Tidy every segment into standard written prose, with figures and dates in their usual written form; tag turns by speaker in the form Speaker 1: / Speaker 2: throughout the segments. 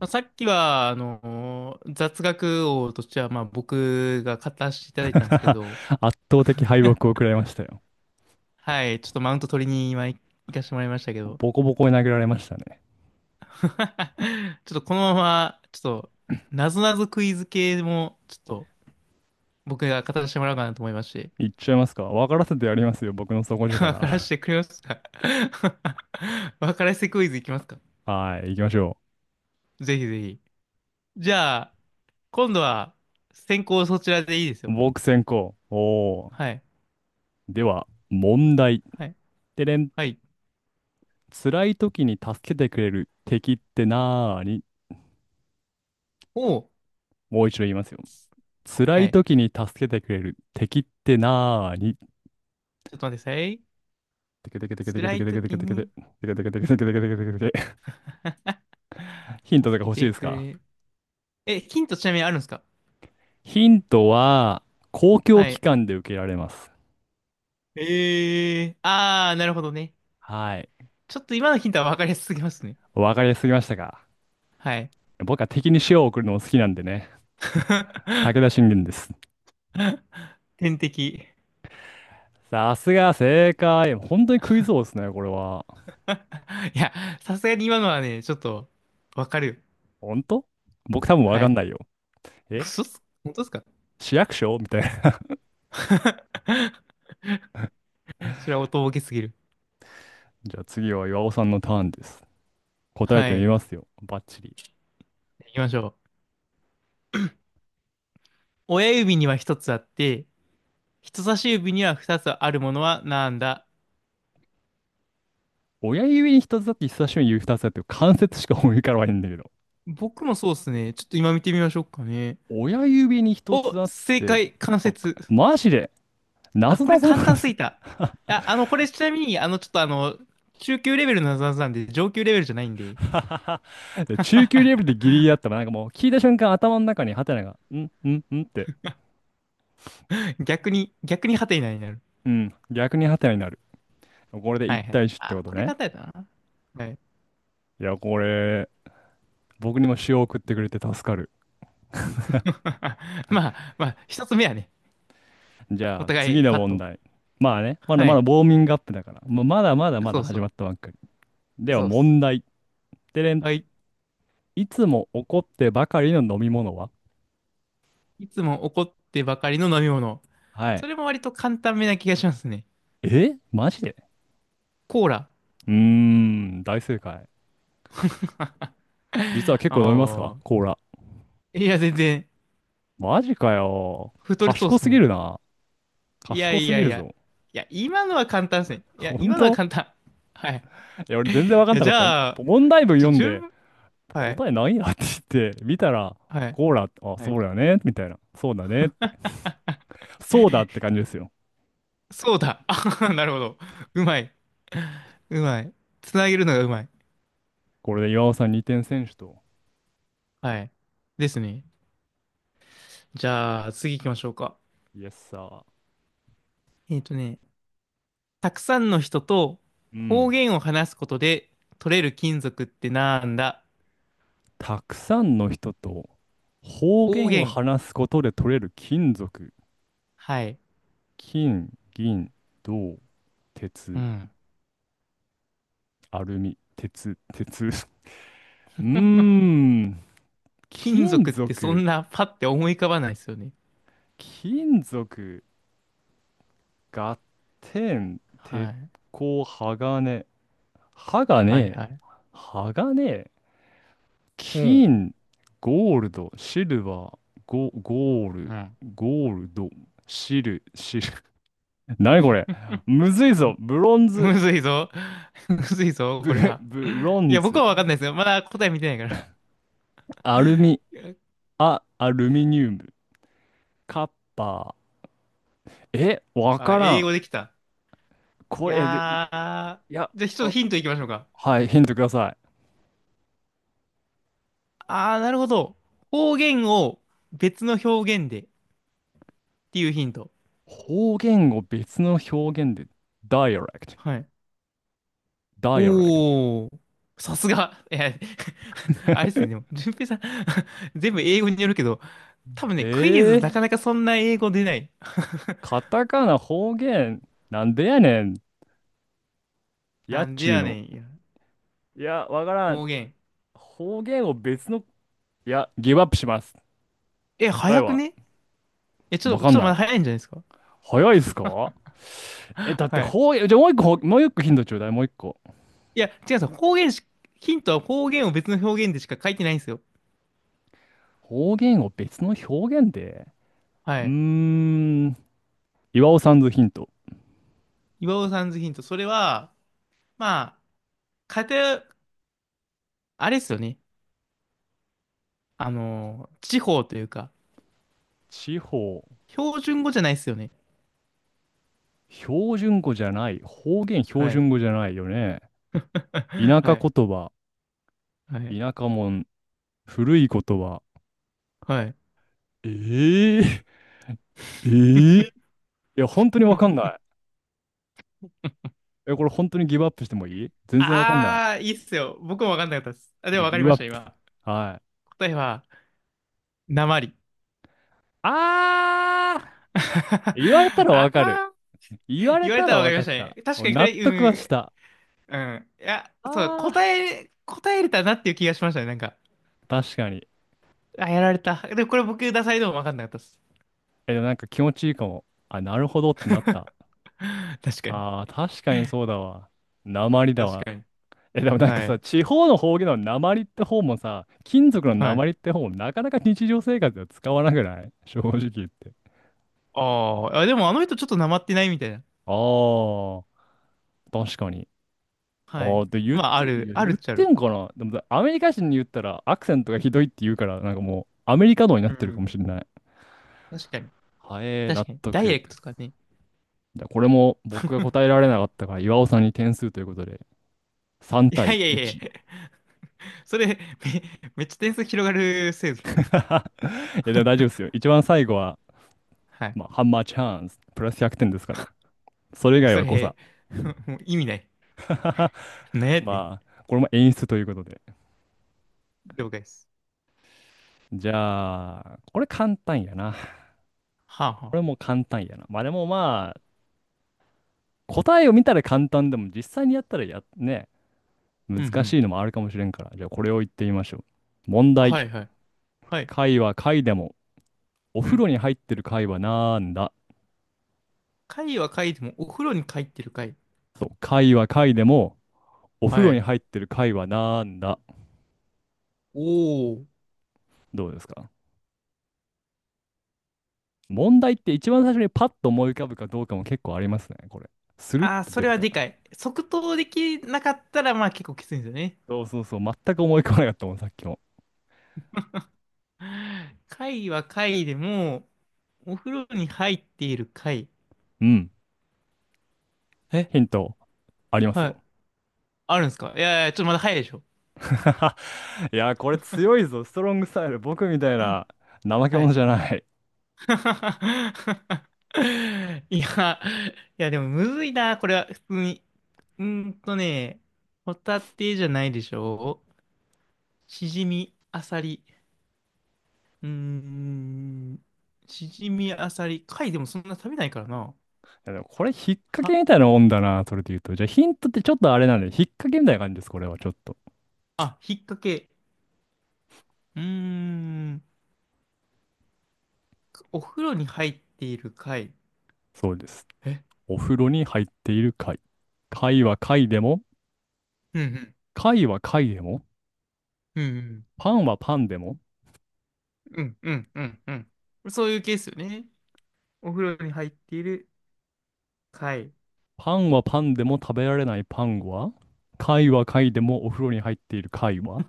Speaker 1: まあ、さっきは、雑学王としては、まあ、僕が語らせていただいたんですけ ど、
Speaker 2: 圧倒的敗北を食らいましたよ。
Speaker 1: はい、ちょっとマウント取りに行かしてもらいましたけど、
Speaker 2: ボコボコに投げられましたね。
Speaker 1: ちょっとこのまま、ちょっと、なぞなぞクイズ系も、ちょっと、僕が語らせてもらおうかなと思いまして、
Speaker 2: いっちゃいますか？分からせてやりますよ。僕の 底
Speaker 1: 分からせ
Speaker 2: 力。
Speaker 1: てくれますか？ 分からせてクイズいきますか？
Speaker 2: はい、行きましょ
Speaker 1: ぜひぜひ。じゃあ、今度は、先行そちらでいいです
Speaker 2: う。
Speaker 1: よ。
Speaker 2: 僕先行。おー。
Speaker 1: はい、
Speaker 2: では、問題。
Speaker 1: はい、
Speaker 2: てれん。
Speaker 1: はい。
Speaker 2: 辛い時に助けてくれる敵ってなーに？
Speaker 1: おう、
Speaker 2: もう一度言いますよ。辛
Speaker 1: は
Speaker 2: い
Speaker 1: い。
Speaker 2: 時に助けてくれる敵ってなーに？
Speaker 1: ちょっと待ってください。
Speaker 2: てけてけてけてけ
Speaker 1: 辛
Speaker 2: て
Speaker 1: い
Speaker 2: けてけて
Speaker 1: 時
Speaker 2: けてけてけて
Speaker 1: に、
Speaker 2: けてけてけてけてけてけてけて、ヒントとか
Speaker 1: 助け
Speaker 2: 欲しい
Speaker 1: て
Speaker 2: です
Speaker 1: く
Speaker 2: か？
Speaker 1: れ。え、ヒントちなみにあるんですか？
Speaker 2: ヒントは、公共
Speaker 1: は
Speaker 2: 機
Speaker 1: い。
Speaker 2: 関で受けられます。
Speaker 1: ええー、あー、なるほどね。
Speaker 2: はい。
Speaker 1: ちょっと今のヒントは分かりやすすぎますね。
Speaker 2: わかりやすすぎましたが、
Speaker 1: はい。
Speaker 2: 僕は敵に塩を送るのも好きなんでね、武田 信玄です。
Speaker 1: 天敵。い
Speaker 2: さすが正解。本当にクイズ王ですね、これは。
Speaker 1: や、さすがに今のはね、ちょっと分かる。
Speaker 2: 本当、僕多分わ
Speaker 1: は
Speaker 2: かん
Speaker 1: い。
Speaker 2: ないよ。え、
Speaker 1: 嘘っす、本当ですか？
Speaker 2: 市役所みたいな。
Speaker 1: それはおとぼけすぎる。
Speaker 2: じゃあ次は岩尾さんのターンです。答え
Speaker 1: は
Speaker 2: てみ
Speaker 1: い。
Speaker 2: ますよ。バッチリ。
Speaker 1: 行きましょう。親指には一つあって、人差し指には二つあるものはなんだ？
Speaker 2: 親指に一つあって、人差し指に指二つあって、関節しか思い浮かばないんだけど。
Speaker 1: 僕もそうっすね。ちょっと今見てみましょうかね。
Speaker 2: 親指に一つ
Speaker 1: お、
Speaker 2: あっ
Speaker 1: 正
Speaker 2: て、
Speaker 1: 解、関
Speaker 2: あ、
Speaker 1: 節。
Speaker 2: マジで、な
Speaker 1: あ、
Speaker 2: ぞ
Speaker 1: こ
Speaker 2: な
Speaker 1: れ
Speaker 2: ぞ
Speaker 1: 簡
Speaker 2: なんで
Speaker 1: 単す
Speaker 2: す。
Speaker 1: ぎた。あ、これちなみに、あの、ちょっとあの、中級レベルのなぞなぞなんで、上級レベルじゃないんで、
Speaker 2: 中級レベルでギリギリだったら、なんかもう聞いた瞬間頭の中にハテナが、んんんって、
Speaker 1: 逆に、逆にハテナになる。
Speaker 2: うん、逆にハテナになる。これで
Speaker 1: は
Speaker 2: 一
Speaker 1: いはい。
Speaker 2: 対1ってこ
Speaker 1: あ、
Speaker 2: と
Speaker 1: これ
Speaker 2: ね。
Speaker 1: 簡単やったな。はい。
Speaker 2: いや、これ、僕にも塩を送ってくれて助かる。
Speaker 1: まあ、まあ、一つ目はね、
Speaker 2: じゃ
Speaker 1: お
Speaker 2: あ、
Speaker 1: 互
Speaker 2: 次
Speaker 1: い
Speaker 2: の
Speaker 1: パッ
Speaker 2: 問
Speaker 1: と。
Speaker 2: 題。まあね、まだ
Speaker 1: は
Speaker 2: まだウ
Speaker 1: い。
Speaker 2: ォーミングアップだから。もうまだまだま
Speaker 1: そ
Speaker 2: だ
Speaker 1: うそ
Speaker 2: 始ま
Speaker 1: う。
Speaker 2: ったばっかり。では、
Speaker 1: そうっす。
Speaker 2: 問題。てれん、
Speaker 1: はい。
Speaker 2: いつも怒ってばかりの飲み物は？
Speaker 1: いつも怒ってばかりの飲み物。
Speaker 2: はい。
Speaker 1: それも割と簡単めな気がしますね。
Speaker 2: え、マジで？
Speaker 1: コーラ。
Speaker 2: うーん、大正解。実は
Speaker 1: あ
Speaker 2: 結構飲みますか、
Speaker 1: あ。
Speaker 2: コーラ？
Speaker 1: いや、全然、
Speaker 2: マジかよ。
Speaker 1: 太りそうっ
Speaker 2: 賢
Speaker 1: す
Speaker 2: す
Speaker 1: も
Speaker 2: ぎ
Speaker 1: ん。
Speaker 2: るな。
Speaker 1: いや
Speaker 2: 賢
Speaker 1: い
Speaker 2: す
Speaker 1: や
Speaker 2: ぎ
Speaker 1: い
Speaker 2: る
Speaker 1: や。
Speaker 2: ぞ。
Speaker 1: いや、今のは簡単ですね。いや、
Speaker 2: 本
Speaker 1: 今のは
Speaker 2: 当？
Speaker 1: 簡単。はい。
Speaker 2: いや、俺
Speaker 1: い
Speaker 2: 全然わかん
Speaker 1: や、
Speaker 2: な
Speaker 1: じ
Speaker 2: かったよ。
Speaker 1: ゃあ、
Speaker 2: 問題文
Speaker 1: ちょ、
Speaker 2: 読ん
Speaker 1: 十
Speaker 2: で、
Speaker 1: 分。はい。
Speaker 2: 答えないやって言って、見たら、
Speaker 1: はい。
Speaker 2: コーラ、あ、
Speaker 1: は
Speaker 2: そ
Speaker 1: い。
Speaker 2: うだよね、みたいな。そうだねって。そうだって感じですよ。
Speaker 1: そうだ。あはは、なるほど。うまい。うまい。つなげるのがうまい。
Speaker 2: これで岩尾さん2点選手と、
Speaker 1: はい。ですね。じゃあ、次行きましょうか。
Speaker 2: イエスサー。
Speaker 1: えっとね、たくさんの人と
Speaker 2: う
Speaker 1: 方
Speaker 2: ん。
Speaker 1: 言を話すことで取れる金属ってなんだ？
Speaker 2: たくさんの人と方
Speaker 1: 方
Speaker 2: 言を
Speaker 1: 言。
Speaker 2: 話すことで取れる金属。
Speaker 1: はい。
Speaker 2: 金、銀、銅、
Speaker 1: う
Speaker 2: 鉄、
Speaker 1: ん。
Speaker 2: アルミ、鉄。うーん、
Speaker 1: 金
Speaker 2: 金
Speaker 1: 属ってそん
Speaker 2: 属、
Speaker 1: なパッて思い浮かばないですよね。
Speaker 2: 金属、合点、鉄
Speaker 1: はい。
Speaker 2: 鋼、鋼、
Speaker 1: はい
Speaker 2: 鋼、
Speaker 1: はい。うん。
Speaker 2: 金、ゴールド、シルバー、ゴール、
Speaker 1: うん。
Speaker 2: ゴールド、シル。何これ、むずいぞ。
Speaker 1: むずいぞ。むずいぞ、これ
Speaker 2: ブ、
Speaker 1: は。
Speaker 2: ブロ
Speaker 1: い
Speaker 2: ン
Speaker 1: や、僕
Speaker 2: ズ、
Speaker 1: はわかんないですよ。まだ答え見てないか
Speaker 2: アルミ、
Speaker 1: ら。
Speaker 2: アルミニウム、カッパー。え、わ
Speaker 1: あ、
Speaker 2: から
Speaker 1: 英
Speaker 2: ん。
Speaker 1: 語できた。
Speaker 2: こ
Speaker 1: い
Speaker 2: れ、えで、い
Speaker 1: やー。
Speaker 2: や、
Speaker 1: じゃあ、ちょっと
Speaker 2: あ、
Speaker 1: ヒントいきましょうか。
Speaker 2: はい、ヒントください。
Speaker 1: あー、なるほど。方言を別の表現でっていうヒント。
Speaker 2: 方言を別の表現で、dialect、
Speaker 1: はい。
Speaker 2: dialect。
Speaker 1: おー。さすが。いや、あれです ね。でも、順平さん。 全部英語によるけど、多分ね、クイ
Speaker 2: え
Speaker 1: ズな
Speaker 2: ー、
Speaker 1: かなかそんな英語出ない。
Speaker 2: カタカナ方言、なんでやねん、や
Speaker 1: な
Speaker 2: っ
Speaker 1: んで
Speaker 2: ちゅう
Speaker 1: やね
Speaker 2: の。
Speaker 1: ん。いや
Speaker 2: いや、わからん。
Speaker 1: 方言。
Speaker 2: 方言を別の、いや、ギブアップします。
Speaker 1: え、
Speaker 2: 答え
Speaker 1: 早く
Speaker 2: は、
Speaker 1: ね？え、ちょっ
Speaker 2: わ
Speaker 1: と、
Speaker 2: か
Speaker 1: ち
Speaker 2: ん
Speaker 1: ょっとま
Speaker 2: な
Speaker 1: だ早
Speaker 2: い。
Speaker 1: いんじゃないですか？
Speaker 2: 早いっすか？え、だって
Speaker 1: はい。
Speaker 2: 方言、じゃあもう一個、もう一個ヒントちょうだい、もう一個。
Speaker 1: いや、違うんですよ。方言し、ヒントは方言を別の表現でしか書いてないんですよ。
Speaker 2: 方言を別の表現で。う
Speaker 1: は
Speaker 2: ー
Speaker 1: い。
Speaker 2: ん、岩尾さんのヒント。
Speaker 1: 岩尾さんズヒント。それは、まあ、偏、あれですよね。地方というか、
Speaker 2: 地方、
Speaker 1: 標準語じゃないですよね。
Speaker 2: 標準語じゃない、方言標
Speaker 1: はい。
Speaker 2: 準語じゃないよね。田
Speaker 1: は
Speaker 2: 舎
Speaker 1: い。
Speaker 2: 言葉、
Speaker 1: はい。
Speaker 2: 田舎もん、古い言葉。
Speaker 1: はい。
Speaker 2: ええええ いや、本当にわかんない。え、これ本当にギブアップしてもいい？全然わかんない。
Speaker 1: あー、いいっすよ。僕もわかんなかったです。あ、で
Speaker 2: じゃ
Speaker 1: も
Speaker 2: あ、
Speaker 1: わ
Speaker 2: ギ
Speaker 1: かり
Speaker 2: ブ
Speaker 1: ま
Speaker 2: アッ
Speaker 1: し
Speaker 2: プ。
Speaker 1: た、今。
Speaker 2: はい。
Speaker 1: 答えは、なまり。
Speaker 2: あ ー、言われたらわ
Speaker 1: あ
Speaker 2: かる。
Speaker 1: あ、
Speaker 2: 言われ
Speaker 1: 言われ
Speaker 2: た
Speaker 1: た
Speaker 2: ら
Speaker 1: らわか
Speaker 2: わ
Speaker 1: り
Speaker 2: か
Speaker 1: まし
Speaker 2: っ
Speaker 1: たね。
Speaker 2: た。
Speaker 1: 確かにこ
Speaker 2: 納
Speaker 1: れ、
Speaker 2: 得はした。
Speaker 1: うん、うん。いや、そう、
Speaker 2: あ
Speaker 1: 答
Speaker 2: ー、
Speaker 1: え、答えれたなっていう気がしましたね。なんか、
Speaker 2: 確かに。
Speaker 1: あ、やられた。でもこれ僕、ダサいでも分かんなかったです。
Speaker 2: え、でもなんか気持ちいいかも。あ、なるほどってなった。
Speaker 1: 確かに。
Speaker 2: あー確かにそうだわ。なまりだ
Speaker 1: 確
Speaker 2: わ。
Speaker 1: かに。
Speaker 2: え、でもなんか
Speaker 1: は
Speaker 2: さ、
Speaker 1: い。
Speaker 2: 地方の方言の鉛って方もさ、金属の
Speaker 1: はい。
Speaker 2: 鉛って方もなかなか日常生活では使わなくない？ 正直言って。
Speaker 1: ああ、あでもあの人ちょっとなまってないみたいな。
Speaker 2: ああ、確かに。
Speaker 1: は
Speaker 2: あ
Speaker 1: い。
Speaker 2: あ、で言っ
Speaker 1: まあ、あ
Speaker 2: て、い
Speaker 1: る、
Speaker 2: や、
Speaker 1: あるっ
Speaker 2: 言っ
Speaker 1: ちゃあ
Speaker 2: て
Speaker 1: る。
Speaker 2: んかな、でもアメリカ人に言ったらアクセントがひどいって言うから、なんかもうアメリカのになっ
Speaker 1: う
Speaker 2: てるかも
Speaker 1: ん。
Speaker 2: しれない。
Speaker 1: 確かに。
Speaker 2: はえー、
Speaker 1: 確
Speaker 2: 納
Speaker 1: かに。ダイレ
Speaker 2: 得。
Speaker 1: クトとかね。
Speaker 2: じゃあこれも僕が答えられなかったから、岩尾さんに点数ということで、3
Speaker 1: いや
Speaker 2: 対
Speaker 1: いやいや
Speaker 2: 1。
Speaker 1: い
Speaker 2: い
Speaker 1: や、それ、め、めっちゃ点数広がるせいぞ。
Speaker 2: や、でも大丈夫ですよ。一番最後は、
Speaker 1: はい。
Speaker 2: まあ、ハンマーチャンス、プラス100点ですから。それ以
Speaker 1: で
Speaker 2: 外
Speaker 1: そ
Speaker 2: は誤差。
Speaker 1: れ、もう意味ない。ねえって、
Speaker 2: まあ、これも演出ということで。
Speaker 1: 了解です。
Speaker 2: じゃあ、これ簡単やな。
Speaker 1: はあ
Speaker 2: こ
Speaker 1: はあ。
Speaker 2: れも簡単やな。まあでもまあ、答えを見たら簡単でも実際にやったらや、ね、
Speaker 1: うんう
Speaker 2: 難
Speaker 1: ん。
Speaker 2: しいのもあるかもしれんから。じゃあこれを言ってみましょう。問題。
Speaker 1: はいはい。はい。
Speaker 2: 貝は貝でも、お
Speaker 1: う
Speaker 2: 風
Speaker 1: ん。
Speaker 2: 呂に入ってる貝はなんだ？
Speaker 1: 貝は貝でもお風呂に入ってる貝。
Speaker 2: そう、貝は貝でも、お風
Speaker 1: は
Speaker 2: 呂に
Speaker 1: い。
Speaker 2: 入ってる貝はなんだ？
Speaker 1: おお。
Speaker 2: どうですか？問題って一番最初にパッと思い浮かぶかどうかも結構ありますね、これ。スルッ
Speaker 1: ああ、
Speaker 2: と
Speaker 1: そ
Speaker 2: 出
Speaker 1: れ
Speaker 2: る
Speaker 1: は
Speaker 2: か。
Speaker 1: でかい。即答できなかったら、まあ結構きついんですよね。
Speaker 2: そうそうそう。全く思い浮かばなかったもん、さっきも。
Speaker 1: 貝は貝でも、お風呂に入っている貝。
Speaker 2: うん。
Speaker 1: え、
Speaker 2: ヒント、あります
Speaker 1: はい。
Speaker 2: よ。
Speaker 1: あるんですか？いやいや、ちょっとまだ早いでしょ。
Speaker 2: いや、これ強いぞ。ストロングスタイル。僕みたいな怠け
Speaker 1: は
Speaker 2: 者
Speaker 1: い。
Speaker 2: じゃない。い
Speaker 1: いや、いやでもむずいな、これは普通に。うーんとね、ホタテじゃないでしょ？シジミアサリ。うーん。しじみあさり。貝でもそんな食べないからな。
Speaker 2: やでもこれ、引っ掛け
Speaker 1: は、
Speaker 2: みたいなもんだな、それで言うと。じゃあ、ヒントってちょっとあれなんで、引っ掛けみたいな感じです、これは、ちょっと。
Speaker 1: あ、引っ掛け。うーん。お風呂に入っている貝。
Speaker 2: そうです。
Speaker 1: え、
Speaker 2: お風呂に入っている貝。貝は貝でも、
Speaker 1: うんうん。
Speaker 2: 貝は貝でも、
Speaker 1: うんうん。
Speaker 2: パンはパンでも、
Speaker 1: うんうんうん、うん。そういうケースよね。お風呂に入っている貝。
Speaker 2: パンはパンでも食べられないパンは、貝は貝でもお風呂に入っている貝は、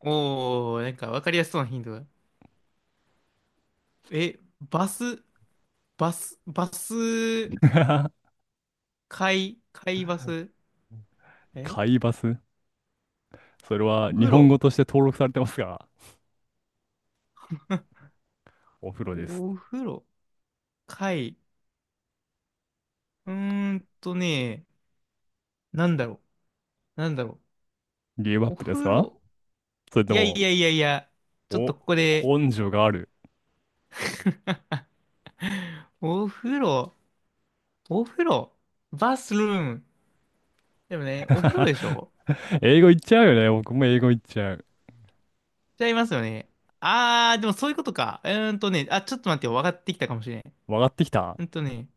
Speaker 1: おー、なんかわかりやすそうなヒントだ。え、バス、バス、バス、貝、貝バス。え、
Speaker 2: 貝バス。それは
Speaker 1: お
Speaker 2: 日
Speaker 1: 風
Speaker 2: 本
Speaker 1: 呂、
Speaker 2: 語として登録されてますが、お風呂です。
Speaker 1: お風呂、貝。うーんとね、なんだろう。なんだろ
Speaker 2: ゲームアッ
Speaker 1: う。お
Speaker 2: プです
Speaker 1: 風
Speaker 2: か？
Speaker 1: 呂。
Speaker 2: それ
Speaker 1: い
Speaker 2: と
Speaker 1: やい
Speaker 2: も、
Speaker 1: やいやいや。ちょっと
Speaker 2: お、
Speaker 1: ここで、
Speaker 2: 根性がある。
Speaker 1: お風呂、お風呂、バスルーム。でもね、お風呂 でしょ？
Speaker 2: 英語言っちゃうよね。僕も英語言っちゃう。
Speaker 1: ちゃいますよね。あー、でもそういうことか。うーんとね、あ、ちょっと待ってよ。分かってきたかもしれん。う
Speaker 2: 分かってきた。
Speaker 1: ーんとね、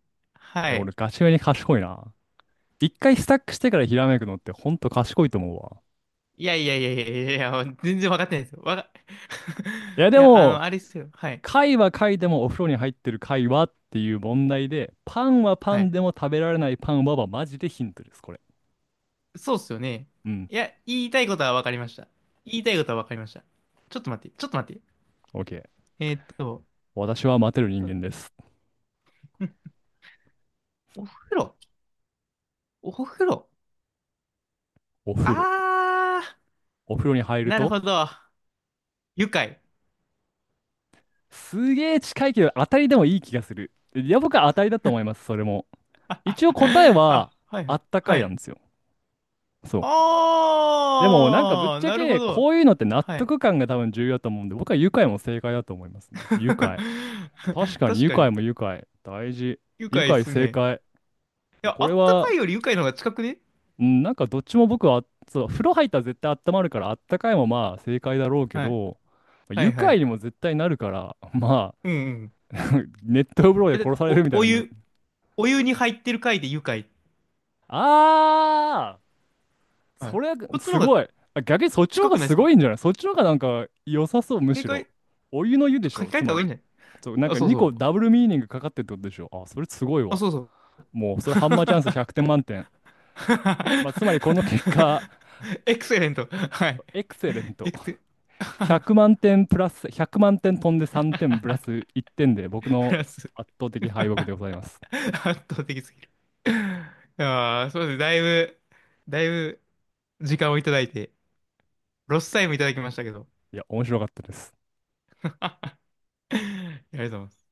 Speaker 2: え、
Speaker 1: は
Speaker 2: 俺
Speaker 1: い。
Speaker 2: ガチめに賢いな。一回スタックしてからひらめくのってほんと賢いと思うわ。
Speaker 1: いやいやいやいやいやいや、全然分かってないですよ。わか、
Speaker 2: いやで
Speaker 1: いや、あの、
Speaker 2: も、
Speaker 1: あれですよ。はい。
Speaker 2: 貝は貝でもお風呂に入ってる貝はっていう問題で、パンはパ
Speaker 1: は
Speaker 2: ン
Speaker 1: い。
Speaker 2: でも食べられないパンははマジでヒントです、これ。
Speaker 1: そうっすよね。
Speaker 2: うん。
Speaker 1: いや、言いたいことは分かりました。言いたいことは分かりました。ちょっと待って、ちょっと待って。
Speaker 2: OK。
Speaker 1: えーっと、
Speaker 2: 私は待てる人間で
Speaker 1: ん、
Speaker 2: す。
Speaker 1: お風呂、お風呂。
Speaker 2: お風呂。
Speaker 1: あ
Speaker 2: お風呂に入
Speaker 1: ー、
Speaker 2: る
Speaker 1: なる
Speaker 2: と、
Speaker 1: ほど。愉快。
Speaker 2: すげえ近いけど当たりでもいい気がする。いや、僕は当たりだと思います、それも。一応答え は
Speaker 1: あ、はいは
Speaker 2: あ
Speaker 1: い。
Speaker 2: ったかい
Speaker 1: は
Speaker 2: な
Speaker 1: い。
Speaker 2: んですよ。そう。でもなんかぶっ
Speaker 1: あー、
Speaker 2: ちゃ
Speaker 1: なるほ
Speaker 2: け
Speaker 1: ど。
Speaker 2: こういうのって納
Speaker 1: はい。
Speaker 2: 得感が多分重要だと思うんで、僕は愉快も正解だと思いますね。愉快。確 かに
Speaker 1: 確
Speaker 2: 愉
Speaker 1: か
Speaker 2: 快
Speaker 1: に。
Speaker 2: も愉快。大事。
Speaker 1: 愉
Speaker 2: 愉
Speaker 1: 快で
Speaker 2: 快
Speaker 1: す
Speaker 2: 正
Speaker 1: ね。
Speaker 2: 解。い
Speaker 1: い
Speaker 2: や、
Speaker 1: や、
Speaker 2: こ
Speaker 1: あ
Speaker 2: れ
Speaker 1: ったか
Speaker 2: は、
Speaker 1: いより愉快の方が近くね。
Speaker 2: うん、なんかどっちも僕は、そう、風呂入ったら絶対温まるからあったかいもまあ正解だろうけ
Speaker 1: はい。
Speaker 2: ど、
Speaker 1: は
Speaker 2: 愉
Speaker 1: いは
Speaker 2: 快
Speaker 1: い。
Speaker 2: にも絶対なるから、ま
Speaker 1: うんうん。
Speaker 2: あ、熱湯風呂で
Speaker 1: え、だっ
Speaker 2: 殺
Speaker 1: て、
Speaker 2: される
Speaker 1: お、
Speaker 2: みたい
Speaker 1: お
Speaker 2: なの。
Speaker 1: 湯、お湯に入ってる回で愉快。
Speaker 2: ああ、
Speaker 1: は
Speaker 2: そ
Speaker 1: い。
Speaker 2: れは
Speaker 1: こっちの
Speaker 2: す
Speaker 1: 方が
Speaker 2: ごい。あ、逆にそっちの方
Speaker 1: 近
Speaker 2: が
Speaker 1: くないで
Speaker 2: す
Speaker 1: すか？
Speaker 2: ごいんじゃない？そっちの方がなんか良さそう、む
Speaker 1: 正
Speaker 2: しろ。
Speaker 1: 解、
Speaker 2: お湯の湯で
Speaker 1: 書
Speaker 2: し
Speaker 1: き
Speaker 2: ょ、
Speaker 1: 換え
Speaker 2: つ
Speaker 1: た
Speaker 2: ま
Speaker 1: 方がいい
Speaker 2: り。
Speaker 1: んじゃない？
Speaker 2: そう、なん
Speaker 1: あ、
Speaker 2: か
Speaker 1: そう
Speaker 2: 2
Speaker 1: そ
Speaker 2: 個ダ
Speaker 1: う。
Speaker 2: ブルミーニングかかってるってことでしょ。あ、それすごい
Speaker 1: あ、
Speaker 2: わ。
Speaker 1: そうそう。
Speaker 2: もう、それハンマーチャンス100 点満点。まあ、つまりこの結果、
Speaker 1: エクセレント。はい。
Speaker 2: エクセレント。
Speaker 1: エクセ、
Speaker 2: 100 万点プラス、100万点飛んで3点プラス1点で、僕
Speaker 1: フ
Speaker 2: の
Speaker 1: ランス。
Speaker 2: 圧倒的敗北で ございます。
Speaker 1: 圧倒的すぎる。ああ、そうですね。だいぶ、だいぶ時間をいただいて、ロスタイムいただきましたけど。
Speaker 2: いや、面白かったです。
Speaker 1: ありがとうございます。